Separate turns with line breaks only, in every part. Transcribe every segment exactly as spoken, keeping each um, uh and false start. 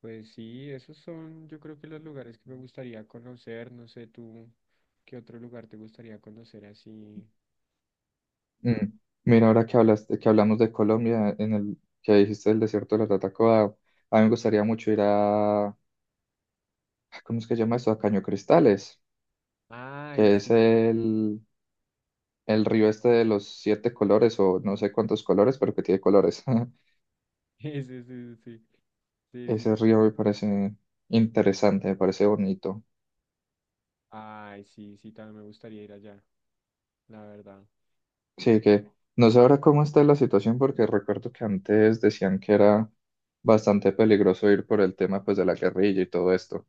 Pues sí, esos son, yo creo que los lugares que me gustaría conocer, no sé tú, ¿qué otro lugar te gustaría conocer así?
Mm. Mira, ahora que hablaste, que hablamos de Colombia, en el que dijiste el desierto de la Tatacoa, a mí me gustaría mucho ir a, ¿cómo es que se llama eso? A Caño Cristales,
Ay,
que es
sí,
el, el río este de los siete colores, o no sé cuántos colores, pero que tiene colores.
sí, sí, sí, sí, sí, sí,
Ese
los...
río me parece interesante, me parece bonito.
Ay, sí, sí, también me gustaría ir allá, la verdad.
Sí, que no sé ahora cómo está la situación, porque recuerdo que antes decían que era bastante peligroso ir por el tema pues de la guerrilla y todo esto.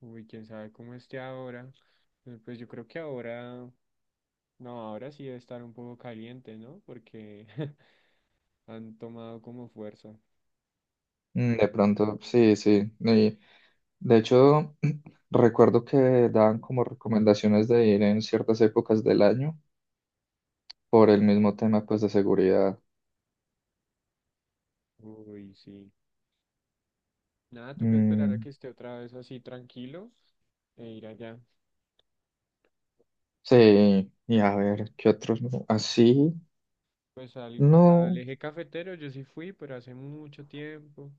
Uy, quién sabe cómo esté ahora. Eh, Pues yo creo que ahora, no, ahora sí debe estar un poco caliente, ¿no? Porque han tomado como fuerza.
Mm, de pronto, sí, sí. y- De hecho, recuerdo que daban como recomendaciones de ir en ciertas épocas del año por el mismo tema pues de seguridad.
Uy, sí. Nada, toca esperar a
Mm,
que esté otra vez así tranquilo e ir allá.
sí, y a ver, ¿qué otros? ¿No? Así,
Pues al, al
no,
eje cafetero yo sí fui, pero hace mucho tiempo.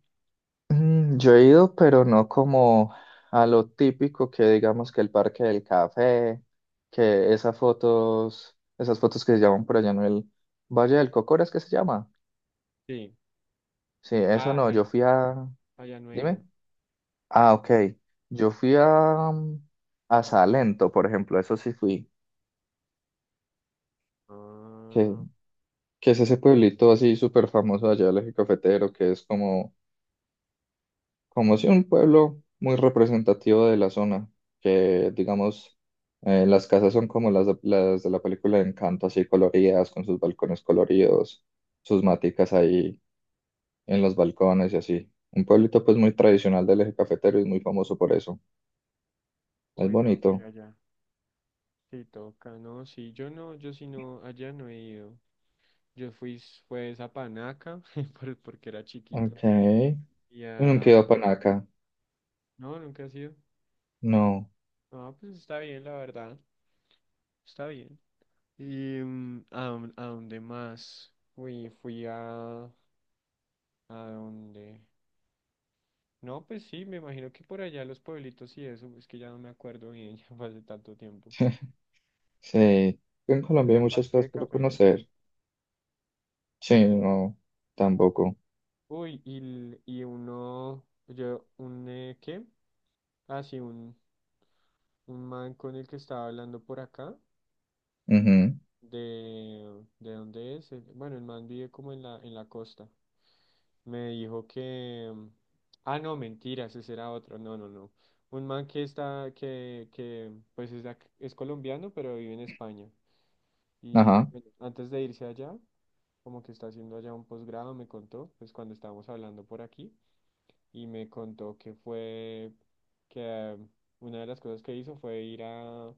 mm, yo he ido, pero no como a lo típico que digamos que el Parque del Café, que esas fotos, esas fotos que se llaman por allá en el Valle del Cocora, ¿es que se llama?
Sí.
Sí, eso
Ah,
no, yo
ahí,
fui a...
allá no he
Dime.
ido.
Ah, ok. Yo fui a, mm, a Salento, por ejemplo, eso sí fui, que,
Ah,
que es ese pueblito así súper famoso allá del Eje Cafetero, que es como, como si un pueblo muy representativo de la zona, que digamos, eh, las casas son como las, de- las de la película de Encanto, así coloridas, con sus balcones coloridos, sus maticas ahí en los balcones y así. Un pueblito pues muy tradicional del Eje Cafetero y muy famoso por eso. Es
uy, tengo que ir
bonito.
allá. Sí, toca, ¿no? Sí, yo no, yo sí no, allá no he ido. Yo fui, s- pues a Panaca, por- porque era
Ok.
chiquito. Y
Yo nunca he ido
a...
a Panaca.
No, nunca he sido.
No,
No, pues está bien, la verdad. Está bien. ¿Y mm, a, dón- a dónde más? Uy, fui a... ¿A dónde? No, pues sí, me imagino que por allá los pueblitos y eso, es que ya no me acuerdo bien, ya fue hace tanto tiempo.
sí. En Colombia
Pero
hay
al
muchas
parque
cosas
de
por
café no fui.
conocer. Sí, no, tampoco.
Uy, y, l- y uno, yo, un, eh, ¿qué? Ah, sí, un, un man con el que estaba hablando por acá,
Ujú,
de, ¿de dónde es? El- Bueno, el man vive como en la, en la costa. Me dijo que, mm, ah, no, mentira, ese será otro, no, no, no. Un man que está, que, que, pues es, de ac- es colombiano, pero vive en España. Y
ajá,
bueno, antes de irse allá, como que está haciendo allá un posgrado, me contó, pues cuando estábamos hablando por aquí, y me contó que fue, que eh, una de las cosas que hizo fue ir a,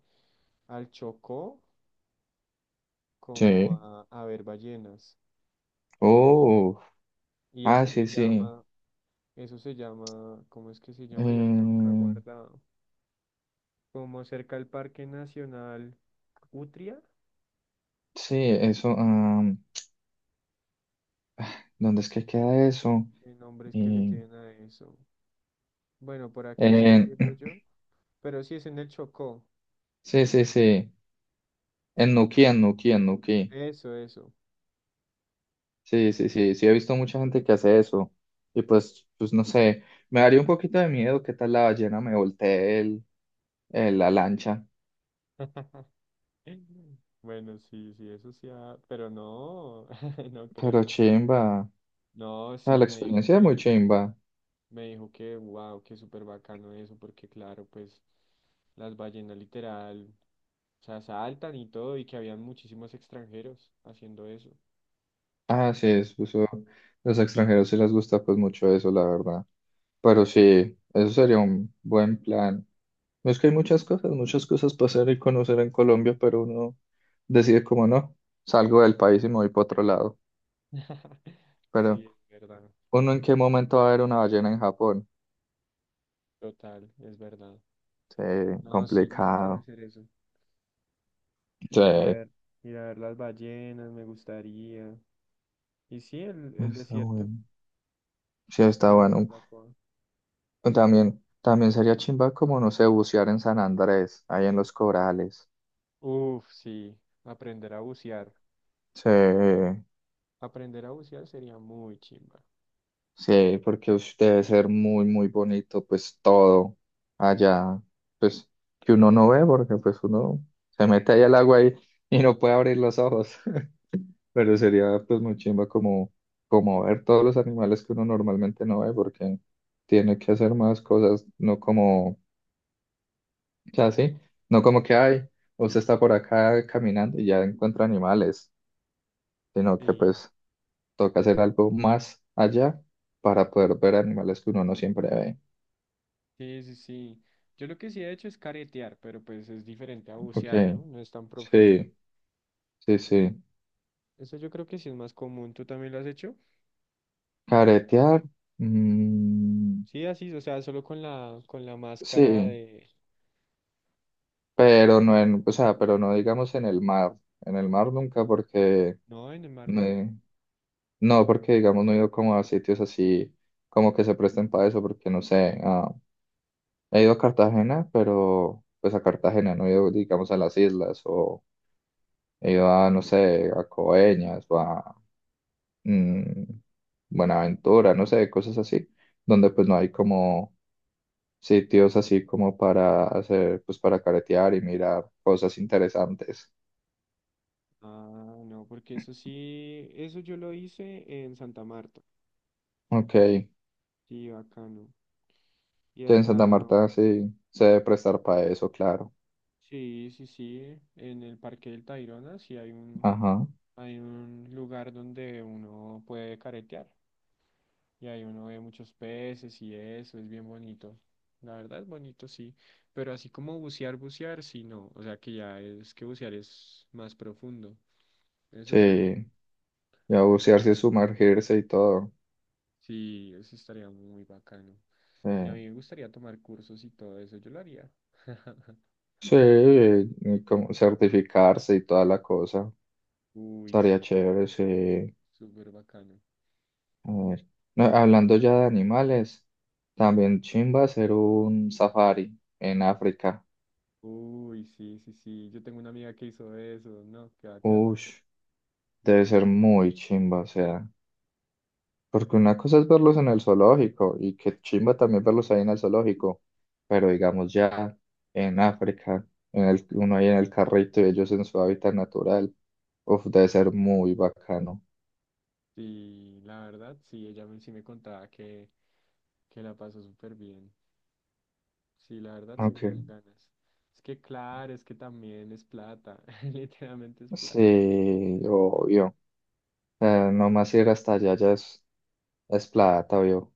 al Chocó como
sí.
a, a ver ballenas.
Oh,
Y
ah,
eso
sí,
se
sí.
llama, eso se llama, ¿cómo es que se llama? Yo lo tengo acá
Eh,
guardado. Como cerca al Parque Nacional Utria,
sí, eso. Am, ¿dónde es que queda eso?
¿qué nombres que le
Eh,
tienen a eso? Bueno, por aquí estoy
en-
viendo yo, pero sí es en el Chocó.
sí, sí, sí. En Nuquí, en Nuquí, en Nuquí.
Eso, eso.
Sí, sí, sí. Sí, he visto mucha gente que hace eso. Y pues, pues no sé. Me daría un poquito de miedo que tal la ballena me voltee el, el- la lancha.
Bueno, sí, sí, eso sí, ha- pero no, no
Pero
creo.
chimba.
No,
Ah,
sí,
la
me dijo
experiencia es muy
que,
chimba.
me dijo que, wow, que súper bacano eso, porque claro, pues las ballenas literal, o sea, saltan y todo, y que habían muchísimos extranjeros haciendo eso.
Ah, sí, es, eso- los extranjeros sí les gusta pues mucho eso, la verdad. Pero sí, eso sería un buen plan. No, es que hay muchas cosas, muchas cosas para hacer y conocer en Colombia, pero uno decide como no, salgo del país y me voy para otro lado. Pero
Sí, es verdad,
uno en qué momento va a ver una ballena en Japón.
total, es verdad.
Sí,
No, sí, yo sí quiero
complicado.
hacer eso.
Sí,
Ir a ver, Ir a ver las ballenas, me gustaría. Y sí, el, el
está
desierto
bueno. Sí, está
de la
bueno.
Tatacoa.
También, también sería chimba como, no sé, bucear en San Andrés, ahí en los corales.
Uf, sí, aprender a bucear.
Sí,
Aprender a bucear sería muy chimba.
sí, porque ush, debe ser muy, muy bonito, pues todo allá, pues que uno no ve, porque pues uno se mete ahí al agua y, y no puede abrir los ojos, pero sería pues muy chimba como, como ver todos los animales que uno normalmente no ve, porque tiene que hacer más cosas, no como, o sea, sí, no como que, ay, usted está por acá caminando y ya encuentra animales, sino que
Sí,
pues toca hacer algo más allá para poder ver animales que uno no siempre ve.
sí, sí, sí. Yo lo que sí he hecho es caretear, pero pues es diferente a
Ok,
bucear, ¿no? No es tan profundo.
sí, sí, sí.
Eso yo creo que sí es más común. ¿Tú también lo has hecho?
Caretear, mm,
Sí, así, o sea, solo con la, con la máscara
sí,
de...
pero no en, o sea, pero no digamos en el mar. En el mar nunca porque,
No, en el mar, ¿no?
me- no, porque digamos no he ido como a sitios así como que se presten para eso, porque no sé, ah, he ido a Cartagena, pero pues a Cartagena, no he ido, digamos, a las islas o he ido a, no sé, a Coeñas o a... mm, Buenaventura, no sé, cosas así, donde pues no hay como sitios así como para hacer, pues para caretear y mirar cosas interesantes.
Ah, no, porque eso sí, eso yo lo hice en Santa Marta.
Ok, ya
Sí, bacano. Y
en Santa
hasta,
Marta sí se debe prestar para eso, claro.
sí, sí, sí, en el Parque del Tayrona sí hay un...
Ajá,
Hay un lugar donde uno puede caretear y ahí uno ve muchos peces y eso, es bien bonito. La verdad es bonito, sí, pero así como bucear, bucear, sí, no. O sea que ya es que bucear es más profundo, eso sí, no.
sí, ya
Pero ay,
bucearse y sumergirse y todo.
sí, eso estaría muy bacano.
Sí,
Y a mí me gustaría tomar cursos y todo eso, yo lo haría.
sí, y como certificarse y toda la cosa.
Uy,
Estaría
sí,
chévere, sí.
súper bacano.
A ver, no, hablando ya de animales, también chimba hacer un safari en África.
Uy, sí, sí, sí. Yo tengo una amiga que hizo eso, ¿no? Qué bacano.
Ush, debe ser muy chimba, o sea, porque una cosa es verlos en el zoológico y que chimba también verlos ahí en el zoológico, pero digamos ya en África, en el, uno ahí en el carrito y ellos en su hábitat natural, uf, debe ser muy bacano.
Sí, la verdad, sí, ella me, sí me contaba que, que la pasó súper bien. Sí, la verdad, sí me dan
Okay.
ganas. Es que claro, es que también es plata, literalmente es plata.
Sí, obvio, eh, nomás ir hasta allá ya es, es plata, obvio.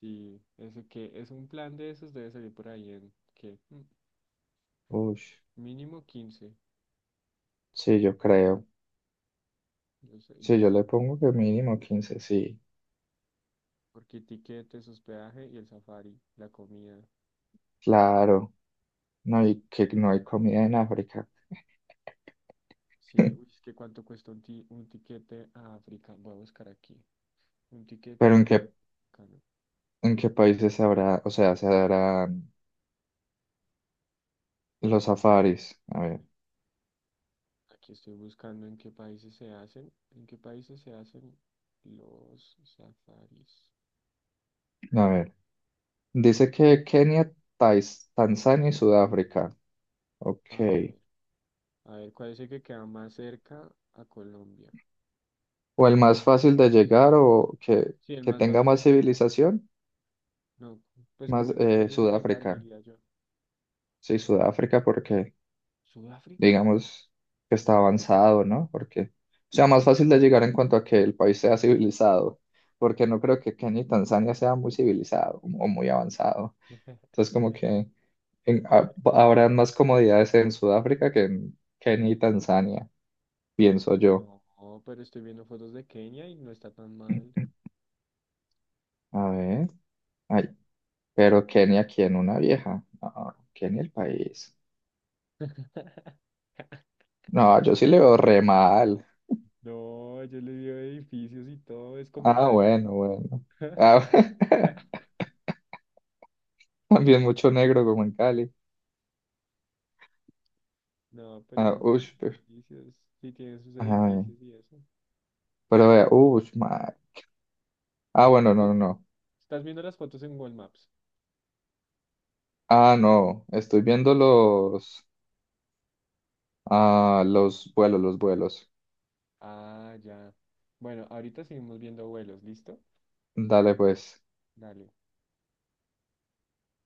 Sí, eso que es un plan de esos debe salir por ahí en que
Ush,
mínimo quince,
sí, yo creo,
yo sé,
sí,
yo
yo
sí,
le pongo que mínimo quince, sí,
porque tiquetes, hospedaje y el safari, la comida.
claro, no, y que no hay comida en África.
Sí, uy, es que cuánto cuesta un, ti- un tiquete a África, voy a buscar aquí. Un tiquete
Pero ¿en
a
qué,
África.
en qué países habrá, o sea, se harán los safaris? A ver,
Aquí estoy buscando en qué países se hacen. ¿En qué países se hacen los safaris?
a ver. Dice que Kenia, Tais- Tanzania y Sudáfrica. Ok.
A ver, a ver, ¿cuál es el que queda más cerca a Colombia?
¿O el más fácil de llegar o que,
Sí, el
que
más
tenga
fácil de
más
llegar.
civilización,
No, pues como
más
el más
eh,
fácil de llegar,
Sudáfrica?
diría yo.
Sí, Sudáfrica porque
¿Sudáfrica?
digamos que está avanzado, ¿no? Porque, o sea, más fácil de llegar en cuanto a que el país sea civilizado, porque no creo que Kenia y Tanzania sea muy civilizado o muy avanzado. Entonces, como que... en-
A
ha-
ver,
habrán más comodidades en Sudáfrica que en Kenia y Tanzania, pienso yo.
no, pero estoy viendo fotos de Kenia y no está tan mal.
A ver, ay, pero Kenia, ¿quién? Una vieja. No, Kenia el país. No, yo sí le veo re mal.
No, yo le veo edificios y todo, es como
Ah,
Cali.
bueno, bueno. Ah, también mucho negro como en Cali.
No, pero
Ah,
sí tiene
ush, pe-
edificios, sí tiene sus
ay,
edificios y eso.
pero vea, ush, ma- Ah, bueno, no,
Sí,
no, no.
estás viendo las fotos en Google Maps.
Ah, no, estoy viendo los, ah, los vuelos, los vuelos.
Ah, ya. Bueno, ahorita seguimos viendo vuelos, ¿listo?
Dale, pues.
Dale.